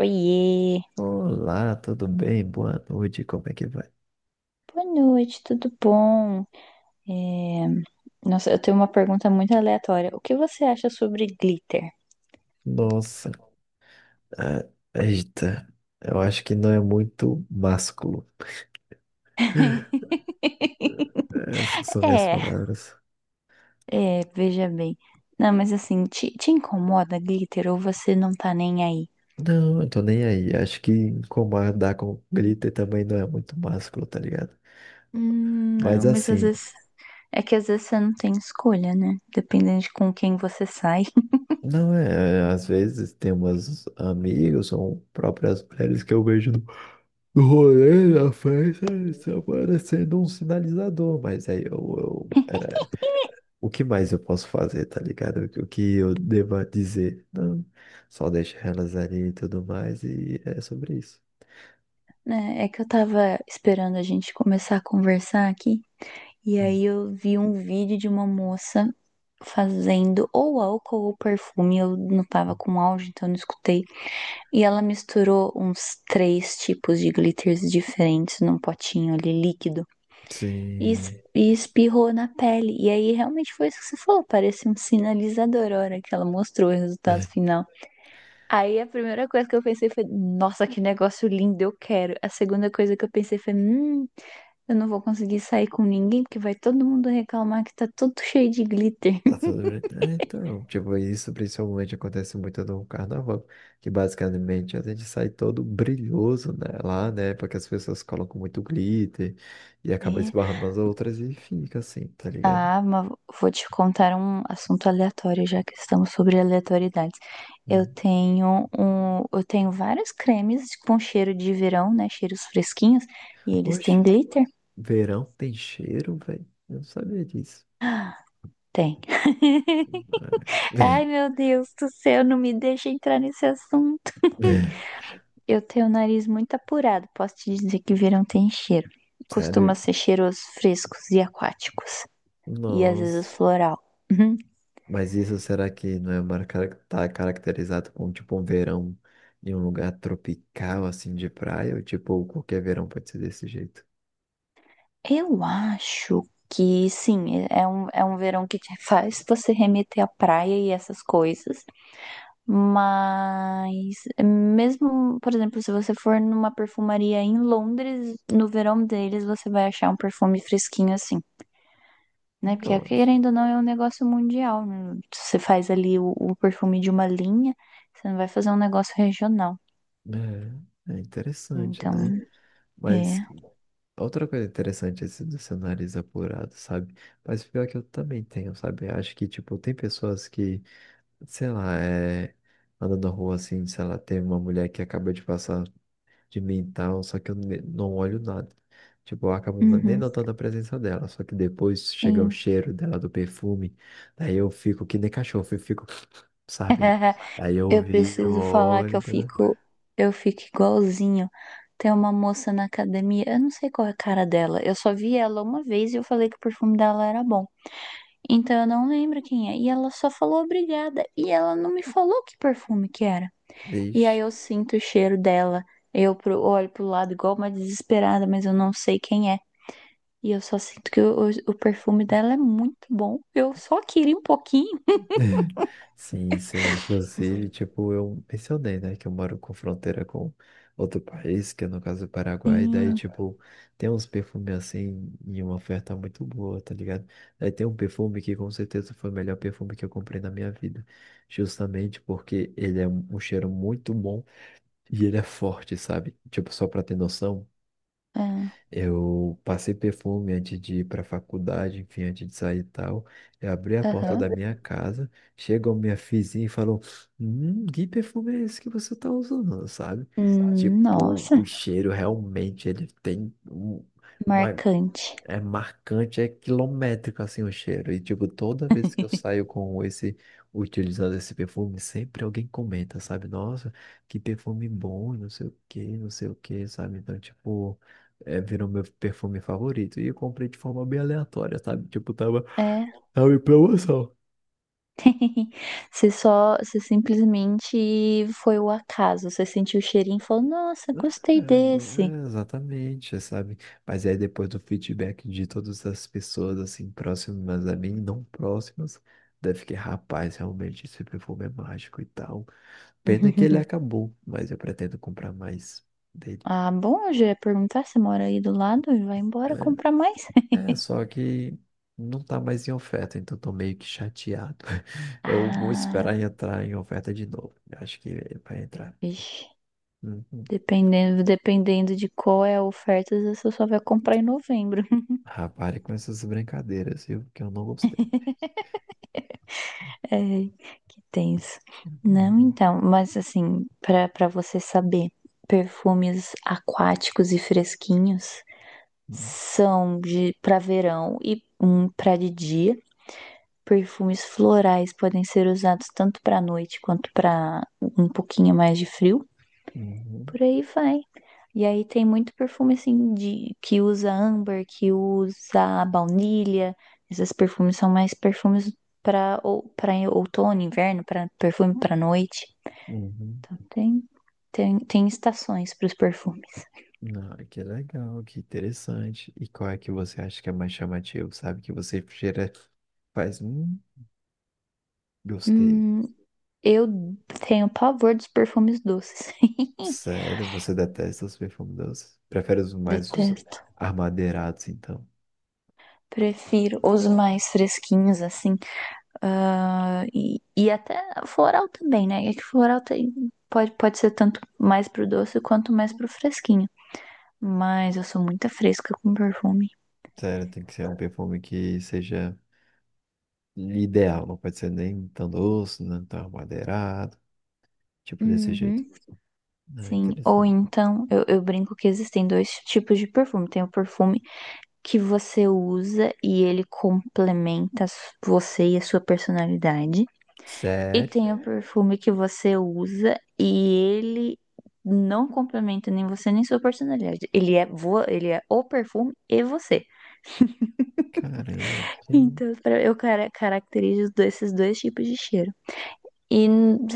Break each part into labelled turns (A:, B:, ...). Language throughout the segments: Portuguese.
A: Oiê,
B: Olá, tudo bem? Boa noite, como é que vai?
A: boa noite, tudo bom? É, Nossa, eu tenho uma pergunta muito aleatória. O que você acha sobre glitter?
B: Nossa, ah, eita, eu acho que não é muito másculo. Essas são minhas
A: É,
B: palavras.
A: veja bem. Não, mas assim, te incomoda glitter ou você não tá nem aí?
B: Não, eu tô nem aí. Acho que incomodar com glitter também não é muito másculo, tá ligado? Mas
A: Não, mas às
B: assim,
A: vezes. É que às vezes você não tem escolha, né? Dependendo de com quem você sai.
B: não é. É, às vezes tem umas amigos ou próprias mulheres que eu vejo no rolê, na festa, eles aparecendo um sinalizador. Mas aí eu era o que mais eu posso fazer, tá ligado? O que eu deva dizer? Não, só deixa elas ali e tudo mais, e é sobre isso.
A: Né? É que eu tava esperando a gente começar a conversar aqui. E
B: Hum.
A: aí eu vi um vídeo de uma moça fazendo ou álcool ou perfume, eu não tava com áudio, então eu não escutei. E ela misturou uns três tipos de glitters diferentes num potinho ali líquido
B: Sim.
A: e espirrou na pele. E aí realmente foi isso que você falou, parecia um sinalizador a hora que ela mostrou o resultado final. Aí a primeira coisa que eu pensei foi, nossa, que negócio lindo, eu quero. A segunda coisa que eu pensei foi, eu não vou conseguir sair com ninguém, porque vai todo mundo reclamar que tá todo cheio de glitter.
B: Tá tudo bem. É, então, tipo, isso principalmente acontece muito no carnaval, que basicamente a gente sai todo brilhoso, né, lá, né, porque as pessoas colocam muito glitter e acaba
A: É.
B: esbarrando nas outras e fica assim, tá ligado?
A: Ah, mas vou te contar um assunto aleatório, já que estamos sobre aleatoriedades.
B: Hum.
A: Eu tenho vários cremes com cheiro de verão, né? Cheiros fresquinhos, e eles têm
B: Oxe,
A: glitter?
B: verão tem cheiro, velho? Eu não sabia disso.
A: Tem. Ai,
B: É.
A: meu Deus do céu, não me deixa entrar nesse assunto. Eu tenho o nariz muito apurado, posso te dizer que verão tem cheiro. Costuma
B: Sério?
A: ser cheiros frescos e aquáticos. E às vezes
B: Nossa.
A: floral. Uhum.
B: Mas isso será que não é uma cara tá caracterizado como tipo um verão em um lugar tropical assim de praia? Ou tipo, qualquer verão pode ser desse jeito?
A: Eu acho que sim, é um verão que te faz você remeter à praia e essas coisas. Mas mesmo, por exemplo, se você for numa perfumaria em Londres, no verão deles você vai achar um perfume fresquinho assim, né? Porque
B: Nossa.
A: querendo ou não é um negócio mundial. Né? Você faz ali o perfume de uma linha, você não vai fazer um negócio regional.
B: É, é interessante,
A: Então,
B: né? Mas
A: é.
B: outra coisa interessante é esse do seu nariz apurado, sabe? Mas pior é que eu também tenho, sabe? Acho que, tipo, tem pessoas que, sei lá, é, andando na rua assim, sei lá, tem uma mulher que acaba de passar. De mental, só que eu não olho nada. Tipo, eu acabo nem
A: Uhum,
B: notando a presença dela, só que depois chega o
A: sim.
B: cheiro dela do perfume, daí eu fico que nem cachorro, eu fico, sabe? Aí eu
A: Eu
B: viro,
A: preciso falar que
B: olho, tá, né?
A: eu fico igualzinho. Tem uma moça na academia, eu não sei qual é a cara dela. Eu só vi ela uma vez e eu falei que o perfume dela era bom. Então eu não lembro quem é. E ela só falou obrigada. E ela não me falou que perfume que era. E aí
B: Ixi.
A: eu sinto o cheiro dela. Olho pro lado igual uma desesperada, mas eu não sei quem é. E eu só sinto que o perfume dela é muito bom. Eu só queria um pouquinho.
B: Sim, sim. Inclusive, tipo, eu mencionei, né, que eu moro com fronteira com outro país, que é no caso o Paraguai, daí,
A: Sim.
B: tipo, tem uns perfumes assim e uma oferta muito boa, tá ligado? Daí tem um perfume que com certeza foi o melhor perfume que eu comprei na minha vida, justamente porque ele é um cheiro muito bom e ele é forte, sabe? Tipo, só pra ter noção.
A: É.
B: Eu passei perfume antes de ir para a faculdade, enfim, antes de sair e tal. Eu abri a porta da
A: Aham.
B: minha casa, chegou minha vizinha e falou: que perfume é esse que você tá usando, sabe? Tipo,
A: Nossa.
B: o cheiro realmente ele tem uma,
A: Marcante.
B: é marcante, é quilométrico assim o cheiro. E tipo, toda vez que eu saio com esse, utilizando esse perfume, sempre alguém comenta, sabe? Nossa, que perfume bom, não sei o que, não sei o que, sabe? Então, tipo, é, virou meu perfume favorito. E eu comprei de forma bem aleatória, sabe? Tipo,
A: É.
B: tava em promoção.
A: Você simplesmente foi o acaso. Você sentiu o cheirinho e falou: Nossa, gostei
B: É,
A: desse.
B: é, exatamente, sabe? Mas aí depois do feedback de todas as pessoas, assim, próximas a mim, não próximas, deve que, rapaz, realmente esse perfume é mágico e tal. Pena que ele acabou, mas eu pretendo comprar mais dele.
A: Ah, bom, eu já ia perguntar se mora aí do lado e vai embora comprar mais.
B: É, é, só que não tá mais em oferta, então tô meio que chateado. Eu vou esperar
A: Ah,
B: entrar em oferta de novo. Eu acho que vai entrar.
A: vixe.
B: Uhum.
A: Dependendo de qual é a oferta, você só vai comprar em novembro.
B: Rapaz, com essas brincadeiras, viu? Que eu não gostei.
A: É, que tenso. Não,
B: Uhum.
A: então, mas assim, pra para você saber, perfumes aquáticos e fresquinhos
B: Uhum.
A: são de para verão e um para de dia. Perfumes florais podem ser usados tanto para noite quanto para um pouquinho mais de frio.
B: Uhum,
A: Por aí vai. E aí tem muito perfume assim de que usa âmbar, que usa baunilha. Esses perfumes são mais perfumes para para outono, inverno, para perfume para noite.
B: uhum.
A: Então tem, tem estações para os perfumes.
B: Ah, que legal, que interessante. E qual é que você acha que é mais chamativo, sabe? Que você cheira, faz, gostei.
A: Hum, eu tenho pavor dos perfumes doces.
B: Sério, você detesta os perfumes doces? Prefere os mais os
A: Detesto.
B: armadeirados, então?
A: Prefiro os mais fresquinhos assim. Até floral também, né? É que floral tem, pode ser tanto mais pro doce quanto mais pro fresquinho. Mas eu sou muito fresca com perfume.
B: Sério, tem que ser um perfume que seja ideal, não pode ser nem tão doce, nem tão armadeirado, tipo desse jeito.
A: Uhum.
B: Ah,
A: Sim, ou
B: interessante.
A: então eu brinco que existem dois tipos de perfume. Tem o perfume que você usa e ele complementa você e a sua personalidade. E
B: Sério?
A: tem o perfume que você usa e ele não complementa nem você nem sua personalidade. Ele é o perfume e você.
B: Caramba, tem.
A: Então, caracterizo esses dois tipos de cheiro. E,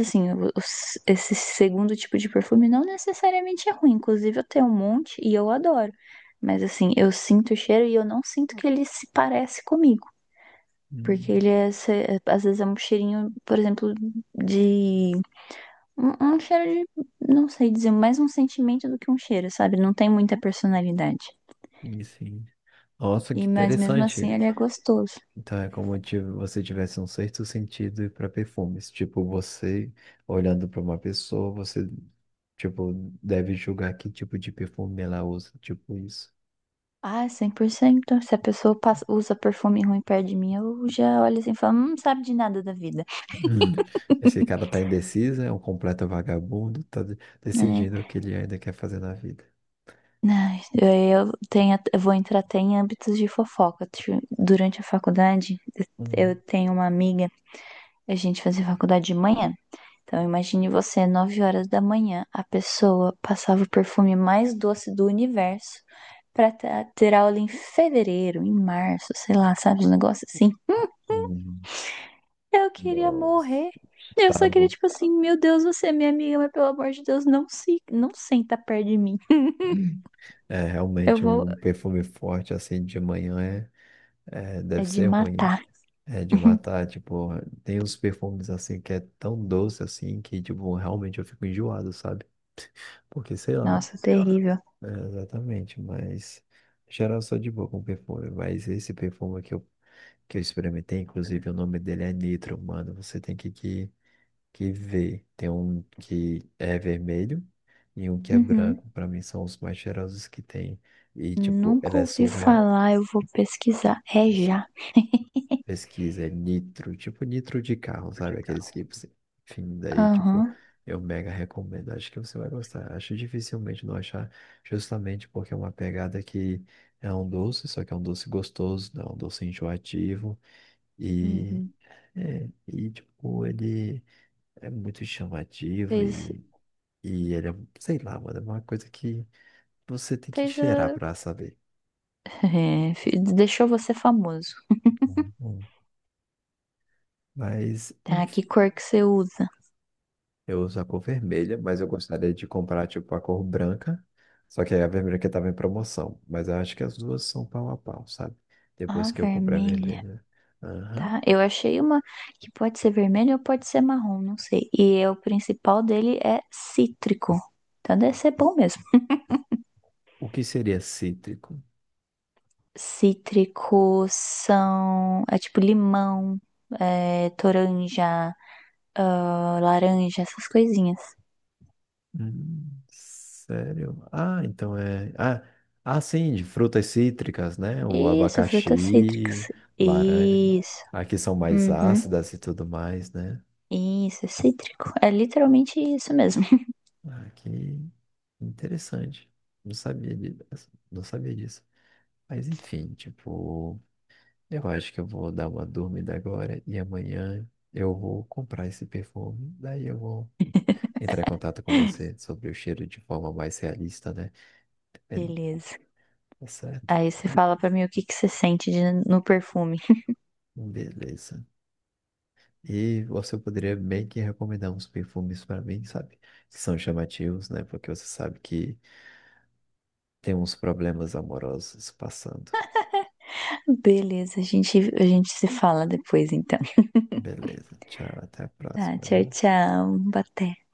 A: assim, esse segundo tipo de perfume não necessariamente é ruim. Inclusive, eu tenho um monte e eu adoro. Mas, assim, eu sinto o cheiro e eu não sinto que ele se parece comigo. Porque
B: Hum,
A: ele é, se- é, às vezes é um cheirinho, por exemplo, de um cheiro de, não sei dizer, mais um sentimento do que um cheiro, sabe? Não tem muita personalidade.
B: isso aí. Nossa,
A: E,
B: que
A: mas mesmo assim
B: interessante.
A: ele é gostoso.
B: Então é como se você tivesse um certo sentido para perfumes. Tipo, você olhando para uma pessoa, você tipo deve julgar que tipo de perfume ela usa, tipo isso.
A: Ah, é 100%. Se a pessoa usa perfume ruim perto de mim, eu já olho assim e falo, não sabe de nada da vida.
B: Hum, esse cara tá indeciso, é um completo vagabundo, tá
A: Né?
B: decidindo o que ele ainda quer fazer na vida.
A: Ai, eu vou entrar até em âmbitos de fofoca. Durante a faculdade, eu
B: Hum,
A: tenho uma amiga, a gente fazia faculdade de manhã. Então, imagine você, 9 horas da manhã, a pessoa passava o perfume mais doce do universo pra ter aula em fevereiro, em março, sei lá, sabe? Um negócio assim.
B: hum,
A: Eu queria
B: Nossa.
A: morrer. Eu
B: Tá
A: só queria,
B: bom.
A: tipo assim, meu Deus, você é minha amiga, mas pelo amor de Deus, não senta perto de mim.
B: É
A: Eu
B: realmente
A: vou.
B: um perfume forte assim de manhã é, é,
A: É
B: deve
A: de
B: ser ruim.
A: matar.
B: É de matar, tipo, tem uns perfumes assim que é tão doce assim que, tipo, realmente eu fico enjoado, sabe? Porque, sei lá,
A: Nossa, terrível.
B: é, exatamente, mas em geral eu sou de boa com perfume, mas esse perfume que eu experimentei, inclusive o nome dele é Nitro, mano, você tem que ver. Tem um que é vermelho e um que é
A: Uhum.
B: branco, pra mim são os mais cheirosos que tem, e, tipo,
A: Nunca
B: ele é
A: ouvi
B: surreal.
A: falar, eu vou pesquisar. É já.
B: Pesquisa, é nitro, tipo nitro de carro, sabe? Aqueles que você. Enfim, daí, tipo,
A: Aham.
B: eu mega recomendo. Acho que você vai gostar. Acho dificilmente não achar, justamente porque é uma pegada que é um doce, só que é um doce gostoso, não é um doce enjoativo.
A: Uhum.
B: E,
A: Uhum.
B: é, e tipo, ele é muito chamativo
A: Fez,
B: e ele é, sei lá, mano, é uma coisa que você tem que
A: fez
B: cheirar
A: a
B: pra saber.
A: É, deixou você famoso.
B: Hum, hum. Mas,
A: Tá, que cor que você usa?
B: eu uso a cor vermelha, mas eu gostaria de comprar, tipo, a cor branca. Só que aí a vermelha que tava em promoção. Mas eu acho que as duas são pau a pau, sabe?
A: Ah,
B: Depois que eu comprei a
A: vermelha.
B: vermelha. Aham.
A: Tá, eu achei uma que pode ser vermelha ou pode ser marrom, não sei. E o principal dele é cítrico. Então deve ser bom mesmo.
B: O que seria cítrico?
A: Cítrico são. É tipo limão, é, toranja, ah, laranja, essas coisinhas.
B: Sério? Ah, então é. Ah, ah, sim, de frutas cítricas, né? O
A: Isso, frutas
B: abacaxi,
A: cítricas.
B: o laranja. Né?
A: Isso.
B: Aqui são mais
A: Uhum.
B: ácidas e tudo mais, né?
A: Isso, é cítrico. É literalmente isso mesmo.
B: Ah, que interessante. Não sabia disso. Não sabia disso. Mas enfim, tipo, eu acho que eu vou dar uma dormida agora e amanhã eu vou comprar esse perfume. Daí eu vou entrar em contato com você sobre o cheiro de forma mais realista, né? Bem,
A: Beleza.
B: tá certo?
A: Aí você fala pra mim o que que você sente no perfume.
B: Beleza. E você poderia bem que recomendar uns perfumes para mim, sabe? Que são chamativos, né? Porque você sabe que tem uns problemas amorosos passando.
A: Beleza, a gente se fala depois então.
B: Beleza. Tchau, até a
A: Tá,
B: próxima,
A: tchau,
B: viu?
A: tchau. Boa